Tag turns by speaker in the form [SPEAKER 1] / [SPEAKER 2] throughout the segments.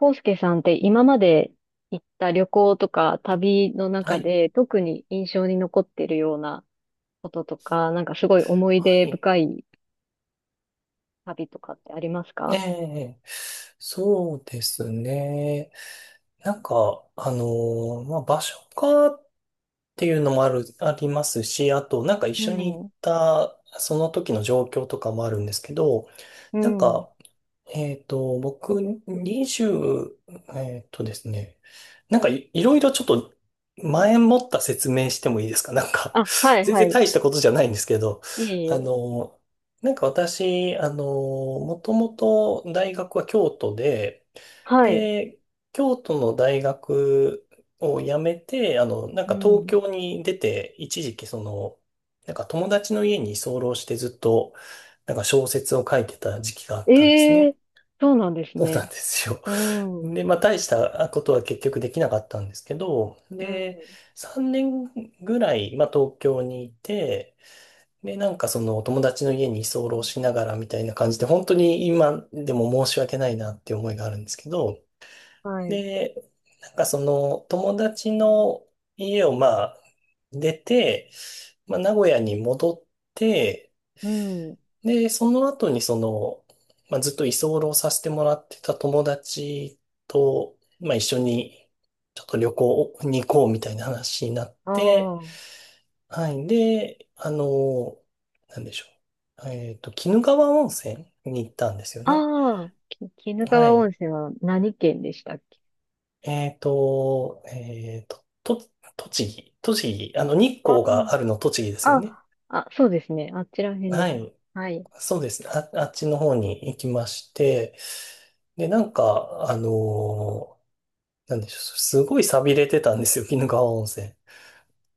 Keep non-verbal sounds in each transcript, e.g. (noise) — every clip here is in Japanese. [SPEAKER 1] 康介さんって今まで行った旅行とか旅の
[SPEAKER 2] は
[SPEAKER 1] 中
[SPEAKER 2] い、
[SPEAKER 1] で特に印象に残ってるようなこととか、なんかすごい思い出
[SPEAKER 2] はい。
[SPEAKER 1] 深い旅とかってあります
[SPEAKER 2] え
[SPEAKER 1] か？
[SPEAKER 2] え、そうですね。なんか、あのまあ、場所かっていうのもある、ありますし、あと、なんか一
[SPEAKER 1] う
[SPEAKER 2] 緒に行っ
[SPEAKER 1] ん。
[SPEAKER 2] た、その時の状況とかもあるんですけど、
[SPEAKER 1] う
[SPEAKER 2] なん
[SPEAKER 1] ん。
[SPEAKER 2] か、僕、20、えっとですね、いろいろちょっと前もった説明してもいいですか？ (laughs) なんか
[SPEAKER 1] あ、は
[SPEAKER 2] (laughs)
[SPEAKER 1] い
[SPEAKER 2] 全
[SPEAKER 1] は
[SPEAKER 2] 然
[SPEAKER 1] い。
[SPEAKER 2] 大したことじゃないんですけど、
[SPEAKER 1] いえい
[SPEAKER 2] あ
[SPEAKER 1] え。
[SPEAKER 2] の、なんか私、もともと大学は京都で、
[SPEAKER 1] はい。
[SPEAKER 2] で、京都の大学を辞めて、なん
[SPEAKER 1] う
[SPEAKER 2] か東
[SPEAKER 1] ん。
[SPEAKER 2] 京に出て、一時期なんか友達の家に居候してずっと、なんか小説を書いてた時期があったんです
[SPEAKER 1] え
[SPEAKER 2] ね。
[SPEAKER 1] え。そうなんです
[SPEAKER 2] そうなん
[SPEAKER 1] ね。
[SPEAKER 2] ですよ。
[SPEAKER 1] うん。うん。
[SPEAKER 2] で、まあ、大したことは結局できなかったんですけど、で、3年ぐらい、まあ、東京にいて、で、なんかそのお友達の家に居候しながらみたいな感じで、本当に今でも申し訳ないなっていう思いがあるんですけど、
[SPEAKER 1] はい。
[SPEAKER 2] で、なんかその友達の家をまあ、出て、まあ、名古屋に戻って、
[SPEAKER 1] うん。
[SPEAKER 2] で、その後にまあ、ずっと居候させてもらってた友達と、まあ、一緒にちょっと旅行に行こうみたいな話になっ
[SPEAKER 1] あ
[SPEAKER 2] て、
[SPEAKER 1] あ。
[SPEAKER 2] はい。で、なんでしょう。鬼怒川温泉に行ったんですよね。
[SPEAKER 1] ああ、鬼怒
[SPEAKER 2] は
[SPEAKER 1] 川温
[SPEAKER 2] い。
[SPEAKER 1] 泉は何県でしたっけ？
[SPEAKER 2] えっと、えっと、と、栃木、日光があるの栃木ですよ
[SPEAKER 1] あ
[SPEAKER 2] ね。
[SPEAKER 1] あ、あ、そうですね。あちら辺で
[SPEAKER 2] は
[SPEAKER 1] すね。
[SPEAKER 2] い。
[SPEAKER 1] はい。
[SPEAKER 2] そうですね。あっちの方に行きまして、で、なんか、なんでしょう、すごい寂れてたんですよ、(laughs) 鬼怒川温泉。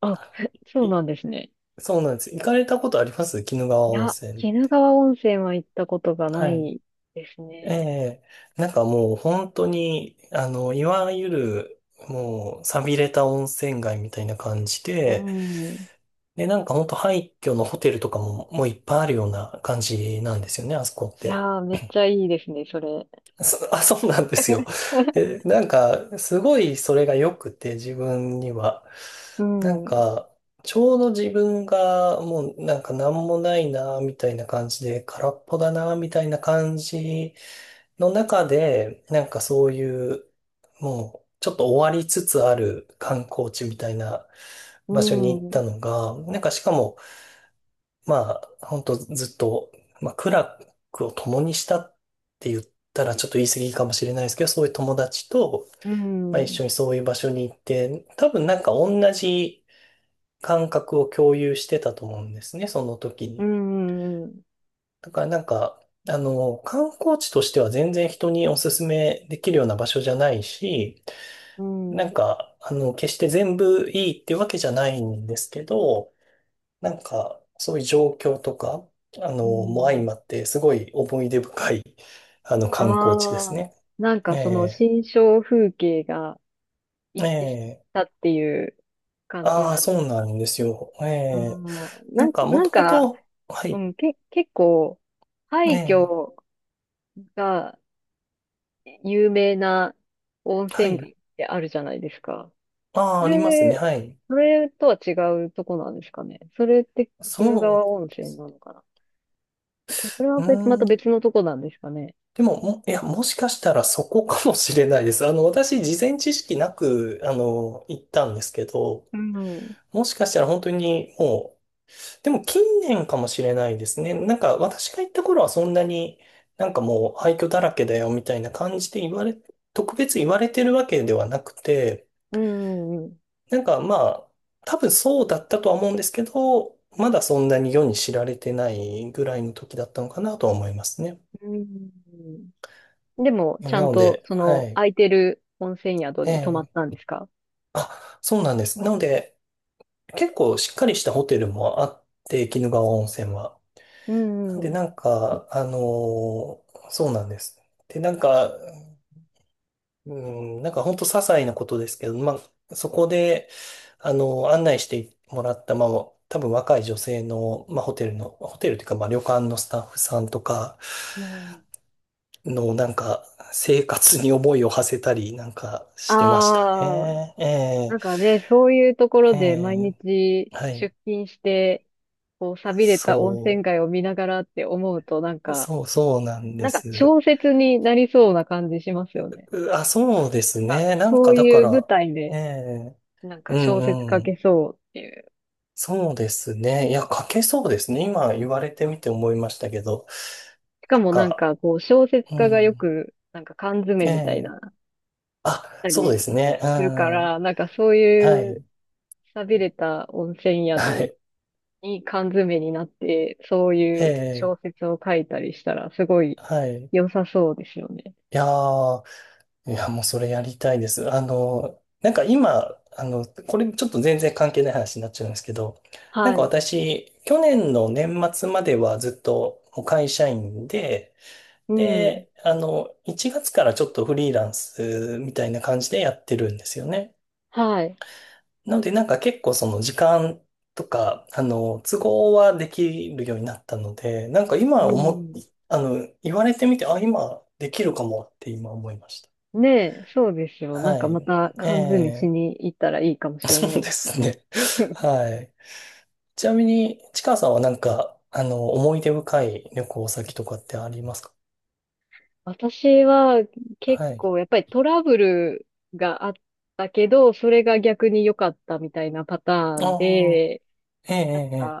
[SPEAKER 1] あ、(laughs) そう
[SPEAKER 2] い
[SPEAKER 1] なんですね。
[SPEAKER 2] そうなんです。行かれたことあります鬼怒川
[SPEAKER 1] い
[SPEAKER 2] 温
[SPEAKER 1] や、
[SPEAKER 2] 泉っ
[SPEAKER 1] 鬼怒
[SPEAKER 2] て？
[SPEAKER 1] 川温泉は行ったことがな
[SPEAKER 2] はい。
[SPEAKER 1] いです
[SPEAKER 2] え
[SPEAKER 1] ね。
[SPEAKER 2] え、なんかもう本当に、いわゆる、もう、寂れた温泉街みたいな感じ
[SPEAKER 1] う
[SPEAKER 2] で、
[SPEAKER 1] ん。い
[SPEAKER 2] で、なんか本当廃墟のホテルとかも、もういっぱいあるような感じなんですよね、あそこって。
[SPEAKER 1] やー、めっちゃいいですね、それ。
[SPEAKER 2] そ、(laughs) あ、そうなんですよ。
[SPEAKER 1] (laughs)
[SPEAKER 2] で、なんか、すごいそれが良くて、自分には。
[SPEAKER 1] う
[SPEAKER 2] なん
[SPEAKER 1] ん、
[SPEAKER 2] か、ちょうど自分がもうなんか何もないな、みたいな感じで、空っぽだな、みたいな感じの中で、なんかそういう、もう、ちょっと終わりつつある観光地みたいな
[SPEAKER 1] う
[SPEAKER 2] 場所に行っ
[SPEAKER 1] ん、うん、
[SPEAKER 2] たのが、なんかしかも、まあ、本当ずっと、まあ、苦楽を共にしたって言ったらちょっと言い過ぎかもしれないですけど、そういう友達と、
[SPEAKER 1] う
[SPEAKER 2] まあ、一
[SPEAKER 1] ん、
[SPEAKER 2] 緒にそういう場所に行って、多分なんか同じ感覚を共有してたと思うんですね、その時に。だからなんか、観光地としては全然人におすすめできるような場所じゃないし、
[SPEAKER 1] う
[SPEAKER 2] なん
[SPEAKER 1] ん、
[SPEAKER 2] か、決して全部いいってわけじゃないんですけど、なんか、そういう状況とか、
[SPEAKER 1] う
[SPEAKER 2] も相
[SPEAKER 1] ん。
[SPEAKER 2] まって、すごい思い出深い、
[SPEAKER 1] あ
[SPEAKER 2] 観光地です
[SPEAKER 1] あ、
[SPEAKER 2] ね。
[SPEAKER 1] なん
[SPEAKER 2] え
[SPEAKER 1] かその
[SPEAKER 2] え、
[SPEAKER 1] 新象風景が
[SPEAKER 2] え
[SPEAKER 1] 一致し
[SPEAKER 2] え、
[SPEAKER 1] たっていう感じ
[SPEAKER 2] ああ、
[SPEAKER 1] なんで
[SPEAKER 2] そ
[SPEAKER 1] す
[SPEAKER 2] うな
[SPEAKER 1] か？
[SPEAKER 2] んですよ。ええ、なんか、も
[SPEAKER 1] なん
[SPEAKER 2] とも
[SPEAKER 1] か、
[SPEAKER 2] と、はい。
[SPEAKER 1] 結構、
[SPEAKER 2] え
[SPEAKER 1] 廃
[SPEAKER 2] え、
[SPEAKER 1] 墟が有名な温
[SPEAKER 2] は
[SPEAKER 1] 泉街
[SPEAKER 2] い。
[SPEAKER 1] ってあるじゃないですか。
[SPEAKER 2] あ
[SPEAKER 1] そ
[SPEAKER 2] あ、ありますね、
[SPEAKER 1] れ、
[SPEAKER 2] はい。
[SPEAKER 1] それとは違うとこなんですかね。それって鬼怒
[SPEAKER 2] そう
[SPEAKER 1] 川温
[SPEAKER 2] で
[SPEAKER 1] 泉
[SPEAKER 2] す。
[SPEAKER 1] なのかな。で、それは
[SPEAKER 2] う
[SPEAKER 1] 別、また
[SPEAKER 2] ーん、
[SPEAKER 1] 別のとこなんですかね。
[SPEAKER 2] でも、いや、もしかしたらそこかもしれないです。私、事前知識なく、行ったんですけど、
[SPEAKER 1] うん。うん
[SPEAKER 2] もしかしたら本当にもう、でも近年かもしれないですね。なんか私が行った頃はそんなになんかもう廃墟だらけだよみたいな感じで言われ、特別言われてるわけではなくて、
[SPEAKER 1] うんうん。
[SPEAKER 2] なんかまあ多分そうだったとは思うんですけど、まだそんなに世に知られてないぐらいの時だったのかなとは思いますね。
[SPEAKER 1] うんでも、
[SPEAKER 2] な
[SPEAKER 1] ちゃん
[SPEAKER 2] の
[SPEAKER 1] と、
[SPEAKER 2] で、
[SPEAKER 1] そ
[SPEAKER 2] は
[SPEAKER 1] の、
[SPEAKER 2] い。
[SPEAKER 1] 空いてる温泉宿
[SPEAKER 2] え
[SPEAKER 1] に泊まった
[SPEAKER 2] え。
[SPEAKER 1] んですか？
[SPEAKER 2] あ、そうなんです。なので結構しっかりしたホテルもあって、鬼怒川温泉は。
[SPEAKER 1] うんう
[SPEAKER 2] で、
[SPEAKER 1] ん。
[SPEAKER 2] なんか、そうなんです。で、なんか、うん、なんか本当些細なことですけど、まあ、そこで、案内してもらった、まあ、多分若い女性の、まあ、ホテルというか、まあ、旅館のスタッフさんとか
[SPEAKER 1] うん。
[SPEAKER 2] の、なんか、生活に思いを馳せたり、なんか、してました
[SPEAKER 1] ああ、
[SPEAKER 2] ね。え
[SPEAKER 1] なんかね、そういうところ
[SPEAKER 2] え、え
[SPEAKER 1] で毎
[SPEAKER 2] え、
[SPEAKER 1] 日
[SPEAKER 2] はい、
[SPEAKER 1] 出勤して、こう、寂れた温
[SPEAKER 2] そ
[SPEAKER 1] 泉街を見ながらって思うと、なんか、
[SPEAKER 2] そうなんで
[SPEAKER 1] なんか
[SPEAKER 2] す。
[SPEAKER 1] 小説になりそうな感じしますよね。
[SPEAKER 2] うあ、そうです
[SPEAKER 1] あ、
[SPEAKER 2] ね。なん
[SPEAKER 1] そう
[SPEAKER 2] か、だか
[SPEAKER 1] いう舞
[SPEAKER 2] ら、
[SPEAKER 1] 台
[SPEAKER 2] え
[SPEAKER 1] で、
[SPEAKER 2] え。
[SPEAKER 1] なん
[SPEAKER 2] う
[SPEAKER 1] か小説
[SPEAKER 2] ん
[SPEAKER 1] 書
[SPEAKER 2] う
[SPEAKER 1] け
[SPEAKER 2] ん。
[SPEAKER 1] そうっていう。
[SPEAKER 2] そうですね。いや、書けそうですね。今言われてみて思いましたけど。
[SPEAKER 1] しかもなん
[SPEAKER 2] か、
[SPEAKER 1] か、こう、小説
[SPEAKER 2] う
[SPEAKER 1] 家がよ
[SPEAKER 2] ん。
[SPEAKER 1] く、なんか缶詰
[SPEAKER 2] え
[SPEAKER 1] みたい
[SPEAKER 2] え、
[SPEAKER 1] な、
[SPEAKER 2] あ、
[SPEAKER 1] た
[SPEAKER 2] そうです
[SPEAKER 1] り
[SPEAKER 2] ね。うん。
[SPEAKER 1] するか
[SPEAKER 2] は
[SPEAKER 1] ら、なんかそういう、
[SPEAKER 2] い。
[SPEAKER 1] 寂れた温泉
[SPEAKER 2] は
[SPEAKER 1] 宿
[SPEAKER 2] い。
[SPEAKER 1] いい缶詰になって、そういう
[SPEAKER 2] え
[SPEAKER 1] 小
[SPEAKER 2] え、
[SPEAKER 1] 説を書いたりしたら、すごい
[SPEAKER 2] はい。い
[SPEAKER 1] 良さそうですよね。
[SPEAKER 2] やー、いや、もうそれやりたいです。なんか今、これちょっと全然関係ない話になっちゃうんですけど、なん
[SPEAKER 1] は
[SPEAKER 2] か
[SPEAKER 1] い。
[SPEAKER 2] 私、去年の年末まではずっともう会社員で、
[SPEAKER 1] うん。
[SPEAKER 2] で、1月からちょっとフリーランスみたいな感じでやってるんですよね。
[SPEAKER 1] はい。
[SPEAKER 2] なので、なんか結構その時間とか、都合はできるようになったので、なんか
[SPEAKER 1] う
[SPEAKER 2] 今思っ、
[SPEAKER 1] ん。
[SPEAKER 2] 言われてみて、あ、今できるかもって今思いまし
[SPEAKER 1] ねえ、そうですよ。
[SPEAKER 2] た。
[SPEAKER 1] なん
[SPEAKER 2] は
[SPEAKER 1] かま
[SPEAKER 2] い。
[SPEAKER 1] た
[SPEAKER 2] え
[SPEAKER 1] 缶詰し
[SPEAKER 2] え。
[SPEAKER 1] に行ったらいいかも
[SPEAKER 2] (laughs)
[SPEAKER 1] しれ
[SPEAKER 2] そう
[SPEAKER 1] ない
[SPEAKER 2] で
[SPEAKER 1] ですよ。
[SPEAKER 2] すね。(laughs)
[SPEAKER 1] (laughs)
[SPEAKER 2] はい。ちなみに、ちかさんはなんか、思い出深い旅行先とかってありますか？
[SPEAKER 1] 私は結
[SPEAKER 2] はい。
[SPEAKER 1] 構やっぱりトラブルがあったけど、それが逆に良かったみたいなパターン
[SPEAKER 2] ああ、
[SPEAKER 1] で、
[SPEAKER 2] ええ、ええ、ええ、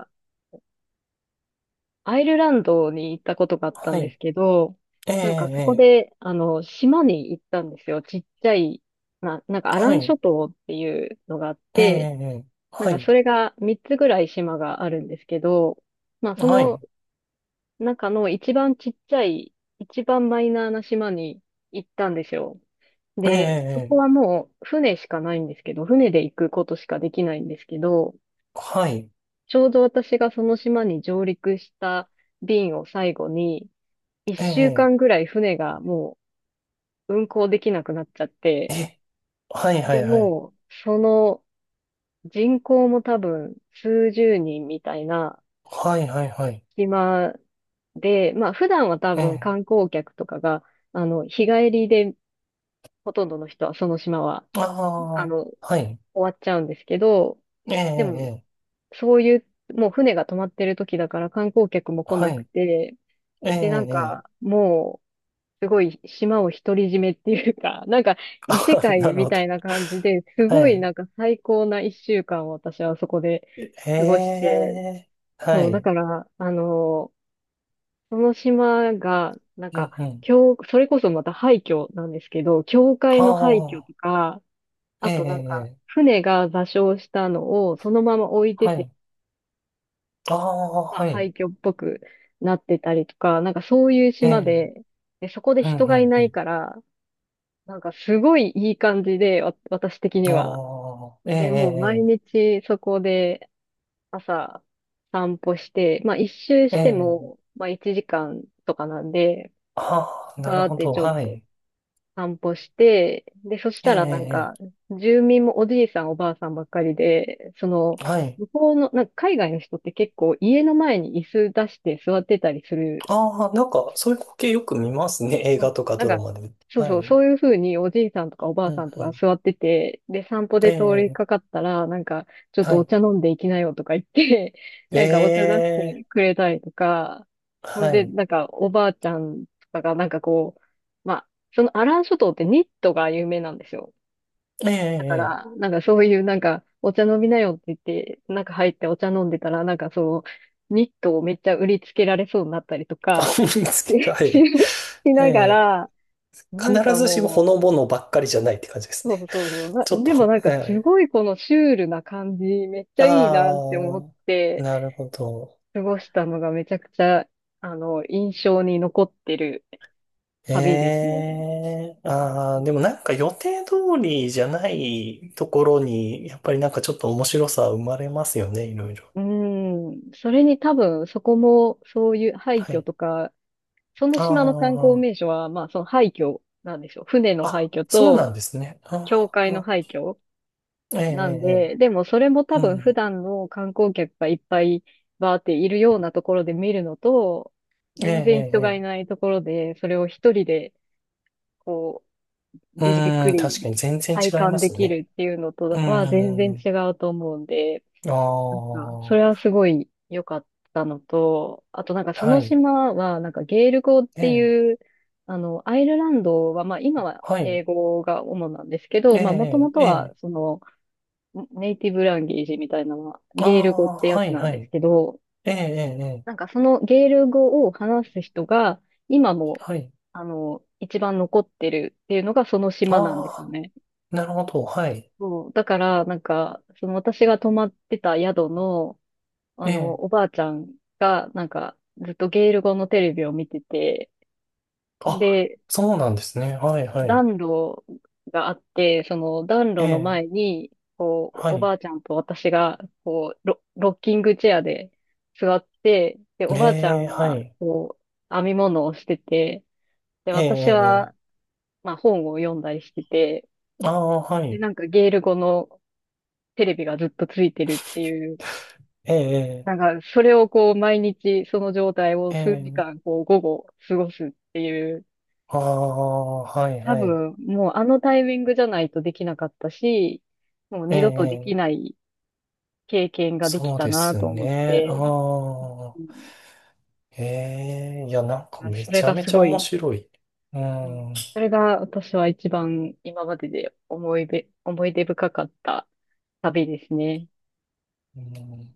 [SPEAKER 1] アイルランドに行ったことがあったん
[SPEAKER 2] は
[SPEAKER 1] です
[SPEAKER 2] い。
[SPEAKER 1] けど、
[SPEAKER 2] ええ、
[SPEAKER 1] なんかそこ
[SPEAKER 2] ええ、
[SPEAKER 1] で、あの、島に行ったんですよ。ちっちゃい、なんかアラ
[SPEAKER 2] は
[SPEAKER 1] ン諸
[SPEAKER 2] い。
[SPEAKER 1] 島っていうのがあっ
[SPEAKER 2] ええ、
[SPEAKER 1] て、
[SPEAKER 2] ええ、
[SPEAKER 1] なん
[SPEAKER 2] は
[SPEAKER 1] か
[SPEAKER 2] い。
[SPEAKER 1] それが3つぐらい島があるんですけど、まあそ
[SPEAKER 2] は
[SPEAKER 1] の
[SPEAKER 2] い。
[SPEAKER 1] 中の一番ちっちゃい、一番マイナーな島に行ったんですよ。
[SPEAKER 2] ええ、
[SPEAKER 1] で、そこ
[SPEAKER 2] え
[SPEAKER 1] は
[SPEAKER 2] え、
[SPEAKER 1] もう船しかないんですけど、船で行くことしかできないんですけど、
[SPEAKER 2] はい。
[SPEAKER 1] ちょうど私がその島に上陸した便を最後に、一
[SPEAKER 2] え
[SPEAKER 1] 週
[SPEAKER 2] え、
[SPEAKER 1] 間ぐらい船がもう運航できなくなっちゃっ
[SPEAKER 2] え
[SPEAKER 1] て、
[SPEAKER 2] え、はい、は
[SPEAKER 1] で、
[SPEAKER 2] い、はい。
[SPEAKER 1] もう、その人口も多分数十人みたいな
[SPEAKER 2] はい、はい、はい。
[SPEAKER 1] 島で、まあ普段は多
[SPEAKER 2] え
[SPEAKER 1] 分
[SPEAKER 2] え、
[SPEAKER 1] 観光客とかが、あの、日帰りでほとんどの人はその島は、あ
[SPEAKER 2] ああ、
[SPEAKER 1] の、終
[SPEAKER 2] はい。
[SPEAKER 1] わっちゃうんですけど、
[SPEAKER 2] ええ、
[SPEAKER 1] でも、
[SPEAKER 2] ええ、
[SPEAKER 1] そういう、もう船が止まってる時だから観光客も来
[SPEAKER 2] は
[SPEAKER 1] なく
[SPEAKER 2] い。
[SPEAKER 1] て、
[SPEAKER 2] ええ、
[SPEAKER 1] で、なん
[SPEAKER 2] ええ、
[SPEAKER 1] か、もう、すごい島を独り占めっていうか、(laughs) なんか異世
[SPEAKER 2] あ、
[SPEAKER 1] 界
[SPEAKER 2] なる
[SPEAKER 1] み
[SPEAKER 2] ほ
[SPEAKER 1] た
[SPEAKER 2] ど。
[SPEAKER 1] いな感じで、す
[SPEAKER 2] は
[SPEAKER 1] ごい
[SPEAKER 2] い。
[SPEAKER 1] なんか最高な一週間を私はそこで
[SPEAKER 2] え
[SPEAKER 1] 過ごして、
[SPEAKER 2] え、は
[SPEAKER 1] そう、だ
[SPEAKER 2] い。
[SPEAKER 1] から、あの、その島が、なん
[SPEAKER 2] う
[SPEAKER 1] か、
[SPEAKER 2] ん、うん。
[SPEAKER 1] 教、それこそまた廃墟なんですけど、教会
[SPEAKER 2] あ
[SPEAKER 1] の廃墟
[SPEAKER 2] あ、
[SPEAKER 1] とか、
[SPEAKER 2] え
[SPEAKER 1] あ
[SPEAKER 2] え、
[SPEAKER 1] となんか、
[SPEAKER 2] ええ、
[SPEAKER 1] 船が座礁したのをそのまま置いて
[SPEAKER 2] は
[SPEAKER 1] て、
[SPEAKER 2] い。ああ、
[SPEAKER 1] まあ、
[SPEAKER 2] はい。
[SPEAKER 1] 廃墟っぽくなってたりとか、なんかそういう
[SPEAKER 2] え
[SPEAKER 1] 島
[SPEAKER 2] え、
[SPEAKER 1] で、で、そこで
[SPEAKER 2] うん、う
[SPEAKER 1] 人がい
[SPEAKER 2] ん、
[SPEAKER 1] な
[SPEAKER 2] う
[SPEAKER 1] い
[SPEAKER 2] ん。
[SPEAKER 1] から、なんかすごいいい感じで、私的に
[SPEAKER 2] あ
[SPEAKER 1] は。
[SPEAKER 2] あ、え
[SPEAKER 1] で、もう毎
[SPEAKER 2] え、
[SPEAKER 1] 日そこで朝散歩して、まあ一周
[SPEAKER 2] え
[SPEAKER 1] し
[SPEAKER 2] え、え
[SPEAKER 1] て
[SPEAKER 2] え、
[SPEAKER 1] も、まあ1時間とかなんで、
[SPEAKER 2] ああ、なる
[SPEAKER 1] バーっ
[SPEAKER 2] ほ
[SPEAKER 1] て
[SPEAKER 2] ど。
[SPEAKER 1] ちょっ
[SPEAKER 2] は
[SPEAKER 1] と
[SPEAKER 2] い。
[SPEAKER 1] 散歩して、で、そし
[SPEAKER 2] ええ、
[SPEAKER 1] たらなん
[SPEAKER 2] え
[SPEAKER 1] か、
[SPEAKER 2] え。
[SPEAKER 1] 住民もおじいさんおばあさんばっかりで、その、
[SPEAKER 2] はい。
[SPEAKER 1] 向こうの、なんか海外の人って結構家の前に椅子出して座ってたりする。
[SPEAKER 2] ああ、なんか、そういう光景よく見ますね。映
[SPEAKER 1] そ
[SPEAKER 2] 画
[SPEAKER 1] う
[SPEAKER 2] と
[SPEAKER 1] そう、
[SPEAKER 2] か
[SPEAKER 1] なん
[SPEAKER 2] ドラ
[SPEAKER 1] か、
[SPEAKER 2] マで。
[SPEAKER 1] そう
[SPEAKER 2] は
[SPEAKER 1] そう、
[SPEAKER 2] い。うん、
[SPEAKER 1] そういうふうにおじいさんとかおば
[SPEAKER 2] う
[SPEAKER 1] あさんとか
[SPEAKER 2] ん。
[SPEAKER 1] 座ってて、で、散歩
[SPEAKER 2] え
[SPEAKER 1] で通り
[SPEAKER 2] え、
[SPEAKER 1] かかったら、なんか、ちょっと
[SPEAKER 2] は
[SPEAKER 1] お
[SPEAKER 2] い。
[SPEAKER 1] 茶飲んでいきなよとか言って、(laughs) なんかお茶出
[SPEAKER 2] え
[SPEAKER 1] し
[SPEAKER 2] え、
[SPEAKER 1] てくれたりとか、ほん
[SPEAKER 2] は
[SPEAKER 1] で、
[SPEAKER 2] い。
[SPEAKER 1] なんかおばあちゃんとかがなんかこう、まあ、そのアラン諸島ってニットが有名なんですよ。
[SPEAKER 2] え
[SPEAKER 1] だか
[SPEAKER 2] え、え
[SPEAKER 1] ら、
[SPEAKER 2] え、
[SPEAKER 1] なんかそういうなんか、お茶飲みなよって言って、なんか入ってお茶飲んでたら、ニットをめっちゃ売りつけられそうになったりと
[SPEAKER 2] あ、
[SPEAKER 1] か、
[SPEAKER 2] 思いつけ、
[SPEAKER 1] (laughs)
[SPEAKER 2] はい。
[SPEAKER 1] しなが
[SPEAKER 2] ええ、
[SPEAKER 1] ら、なん
[SPEAKER 2] 必
[SPEAKER 1] か
[SPEAKER 2] ずしもほ
[SPEAKER 1] も
[SPEAKER 2] の
[SPEAKER 1] う、
[SPEAKER 2] ぼのばっかりじゃないって感じです
[SPEAKER 1] そうそ
[SPEAKER 2] ね。
[SPEAKER 1] うそうそう。
[SPEAKER 2] (laughs) ちょっ
[SPEAKER 1] でも
[SPEAKER 2] と、
[SPEAKER 1] なんか
[SPEAKER 2] は
[SPEAKER 1] す
[SPEAKER 2] い。
[SPEAKER 1] ごいこのシュールな感じ、めっち
[SPEAKER 2] あ
[SPEAKER 1] ゃいいなって思っ
[SPEAKER 2] あ、
[SPEAKER 1] て
[SPEAKER 2] なるほど。
[SPEAKER 1] 過ごしたのがめちゃくちゃ、あの、印象に残ってる
[SPEAKER 2] え
[SPEAKER 1] 旅ですね。
[SPEAKER 2] え、ああ、でもなんか予定通りじゃないところに、やっぱりなんかちょっと面白さ生まれますよね、いろいろ。
[SPEAKER 1] うん。それに多分そこもそういう廃
[SPEAKER 2] は
[SPEAKER 1] 墟
[SPEAKER 2] い。
[SPEAKER 1] とか、その島の観光
[SPEAKER 2] あ
[SPEAKER 1] 名所は、まあその廃墟なんでしょう。船の
[SPEAKER 2] あ、
[SPEAKER 1] 廃
[SPEAKER 2] あ、
[SPEAKER 1] 墟
[SPEAKER 2] そうな
[SPEAKER 1] と、
[SPEAKER 2] んですね。
[SPEAKER 1] 教
[SPEAKER 2] あ
[SPEAKER 1] 会の
[SPEAKER 2] あ、
[SPEAKER 1] 廃墟。
[SPEAKER 2] ええ、え
[SPEAKER 1] なんで、でもそれも
[SPEAKER 2] え、
[SPEAKER 1] 多
[SPEAKER 2] ええ、う
[SPEAKER 1] 分普
[SPEAKER 2] ん。
[SPEAKER 1] 段の観光客がいっぱいバーっているようなところで見るのと、
[SPEAKER 2] ええ、
[SPEAKER 1] 全然人がい
[SPEAKER 2] ええ、
[SPEAKER 1] ないところで、それを一人で、こう、
[SPEAKER 2] え
[SPEAKER 1] じっ
[SPEAKER 2] え、
[SPEAKER 1] く
[SPEAKER 2] うん、
[SPEAKER 1] り
[SPEAKER 2] 確かに全然
[SPEAKER 1] 体
[SPEAKER 2] 違い
[SPEAKER 1] 感
[SPEAKER 2] ま
[SPEAKER 1] で
[SPEAKER 2] す
[SPEAKER 1] き
[SPEAKER 2] ね。
[SPEAKER 1] るっていうのと
[SPEAKER 2] う
[SPEAKER 1] は全然
[SPEAKER 2] ん、
[SPEAKER 1] 違うと思うんで、
[SPEAKER 2] あ
[SPEAKER 1] なんかそれは
[SPEAKER 2] あ、
[SPEAKER 1] すごい良かったのと、あとなんかそ
[SPEAKER 2] は
[SPEAKER 1] の
[SPEAKER 2] い、
[SPEAKER 1] 島はなんかゲール語っ
[SPEAKER 2] え
[SPEAKER 1] て
[SPEAKER 2] え、
[SPEAKER 1] いう、あの、アイルランドはまあ今は
[SPEAKER 2] はい、
[SPEAKER 1] 英語が主なんですけ
[SPEAKER 2] え
[SPEAKER 1] ど、まあもと
[SPEAKER 2] え、
[SPEAKER 1] もと
[SPEAKER 2] え
[SPEAKER 1] は
[SPEAKER 2] え、
[SPEAKER 1] その、ネイティブランゲージみたいなのは、
[SPEAKER 2] あ
[SPEAKER 1] ゲール語っ
[SPEAKER 2] あ、
[SPEAKER 1] てや
[SPEAKER 2] は
[SPEAKER 1] つ
[SPEAKER 2] い、
[SPEAKER 1] なん
[SPEAKER 2] は
[SPEAKER 1] です
[SPEAKER 2] い、
[SPEAKER 1] けど、
[SPEAKER 2] ええ、ええ、ええ、
[SPEAKER 1] なんかそのゲール語を話す人が、今も、
[SPEAKER 2] はい、
[SPEAKER 1] あの、一番残ってるっていうのがその
[SPEAKER 2] あ
[SPEAKER 1] 島なんですよ
[SPEAKER 2] あ、
[SPEAKER 1] ね。
[SPEAKER 2] なるほど、はい、
[SPEAKER 1] そう。だから、なんか、その私が泊まってた宿の、あ
[SPEAKER 2] え
[SPEAKER 1] の、
[SPEAKER 2] え、
[SPEAKER 1] おばあちゃんが、なんか、ずっとゲール語のテレビを見てて、
[SPEAKER 2] あ、
[SPEAKER 1] で、
[SPEAKER 2] そうなんですね。はい、はい、
[SPEAKER 1] 暖炉があって、その暖
[SPEAKER 2] え
[SPEAKER 1] 炉の
[SPEAKER 2] え、
[SPEAKER 1] 前に、こう、
[SPEAKER 2] は
[SPEAKER 1] お
[SPEAKER 2] い、
[SPEAKER 1] ばあちゃんと私が、こう、ロッキングチェアで座って、で、おばあちゃ
[SPEAKER 2] え
[SPEAKER 1] ん
[SPEAKER 2] え、は
[SPEAKER 1] は、
[SPEAKER 2] い、
[SPEAKER 1] こう、編み物をしてて、で、
[SPEAKER 2] え
[SPEAKER 1] 私
[SPEAKER 2] え、
[SPEAKER 1] は、
[SPEAKER 2] ええ、
[SPEAKER 1] まあ、本を読んだりしてて、
[SPEAKER 2] ああ、は
[SPEAKER 1] で、
[SPEAKER 2] い、
[SPEAKER 1] なんかゲール語のテレビがずっとついてるっていう、
[SPEAKER 2] ええ、
[SPEAKER 1] なんか、それをこう、毎日、その状態を
[SPEAKER 2] え
[SPEAKER 1] 数
[SPEAKER 2] え、
[SPEAKER 1] 時
[SPEAKER 2] ええ、
[SPEAKER 1] 間、こう、午後、過ごすっていう、
[SPEAKER 2] ああ、はい
[SPEAKER 1] 多
[SPEAKER 2] はい。
[SPEAKER 1] 分、もうあのタイミングじゃないとできなかったし、もう
[SPEAKER 2] え
[SPEAKER 1] 二度とでき
[SPEAKER 2] え、
[SPEAKER 1] ない経験ができ
[SPEAKER 2] そう
[SPEAKER 1] た
[SPEAKER 2] で
[SPEAKER 1] な
[SPEAKER 2] す
[SPEAKER 1] と思っ
[SPEAKER 2] ね。あ
[SPEAKER 1] て、
[SPEAKER 2] あ、
[SPEAKER 1] うん。
[SPEAKER 2] ええ、いや、なんかめ
[SPEAKER 1] それ
[SPEAKER 2] ちゃ
[SPEAKER 1] が
[SPEAKER 2] め
[SPEAKER 1] す
[SPEAKER 2] ちゃ
[SPEAKER 1] ご
[SPEAKER 2] 面
[SPEAKER 1] い、
[SPEAKER 2] 白い。う
[SPEAKER 1] うん、
[SPEAKER 2] ん。
[SPEAKER 1] それが私は一番今までで思い出、思い出深かった旅ですね。
[SPEAKER 2] うん。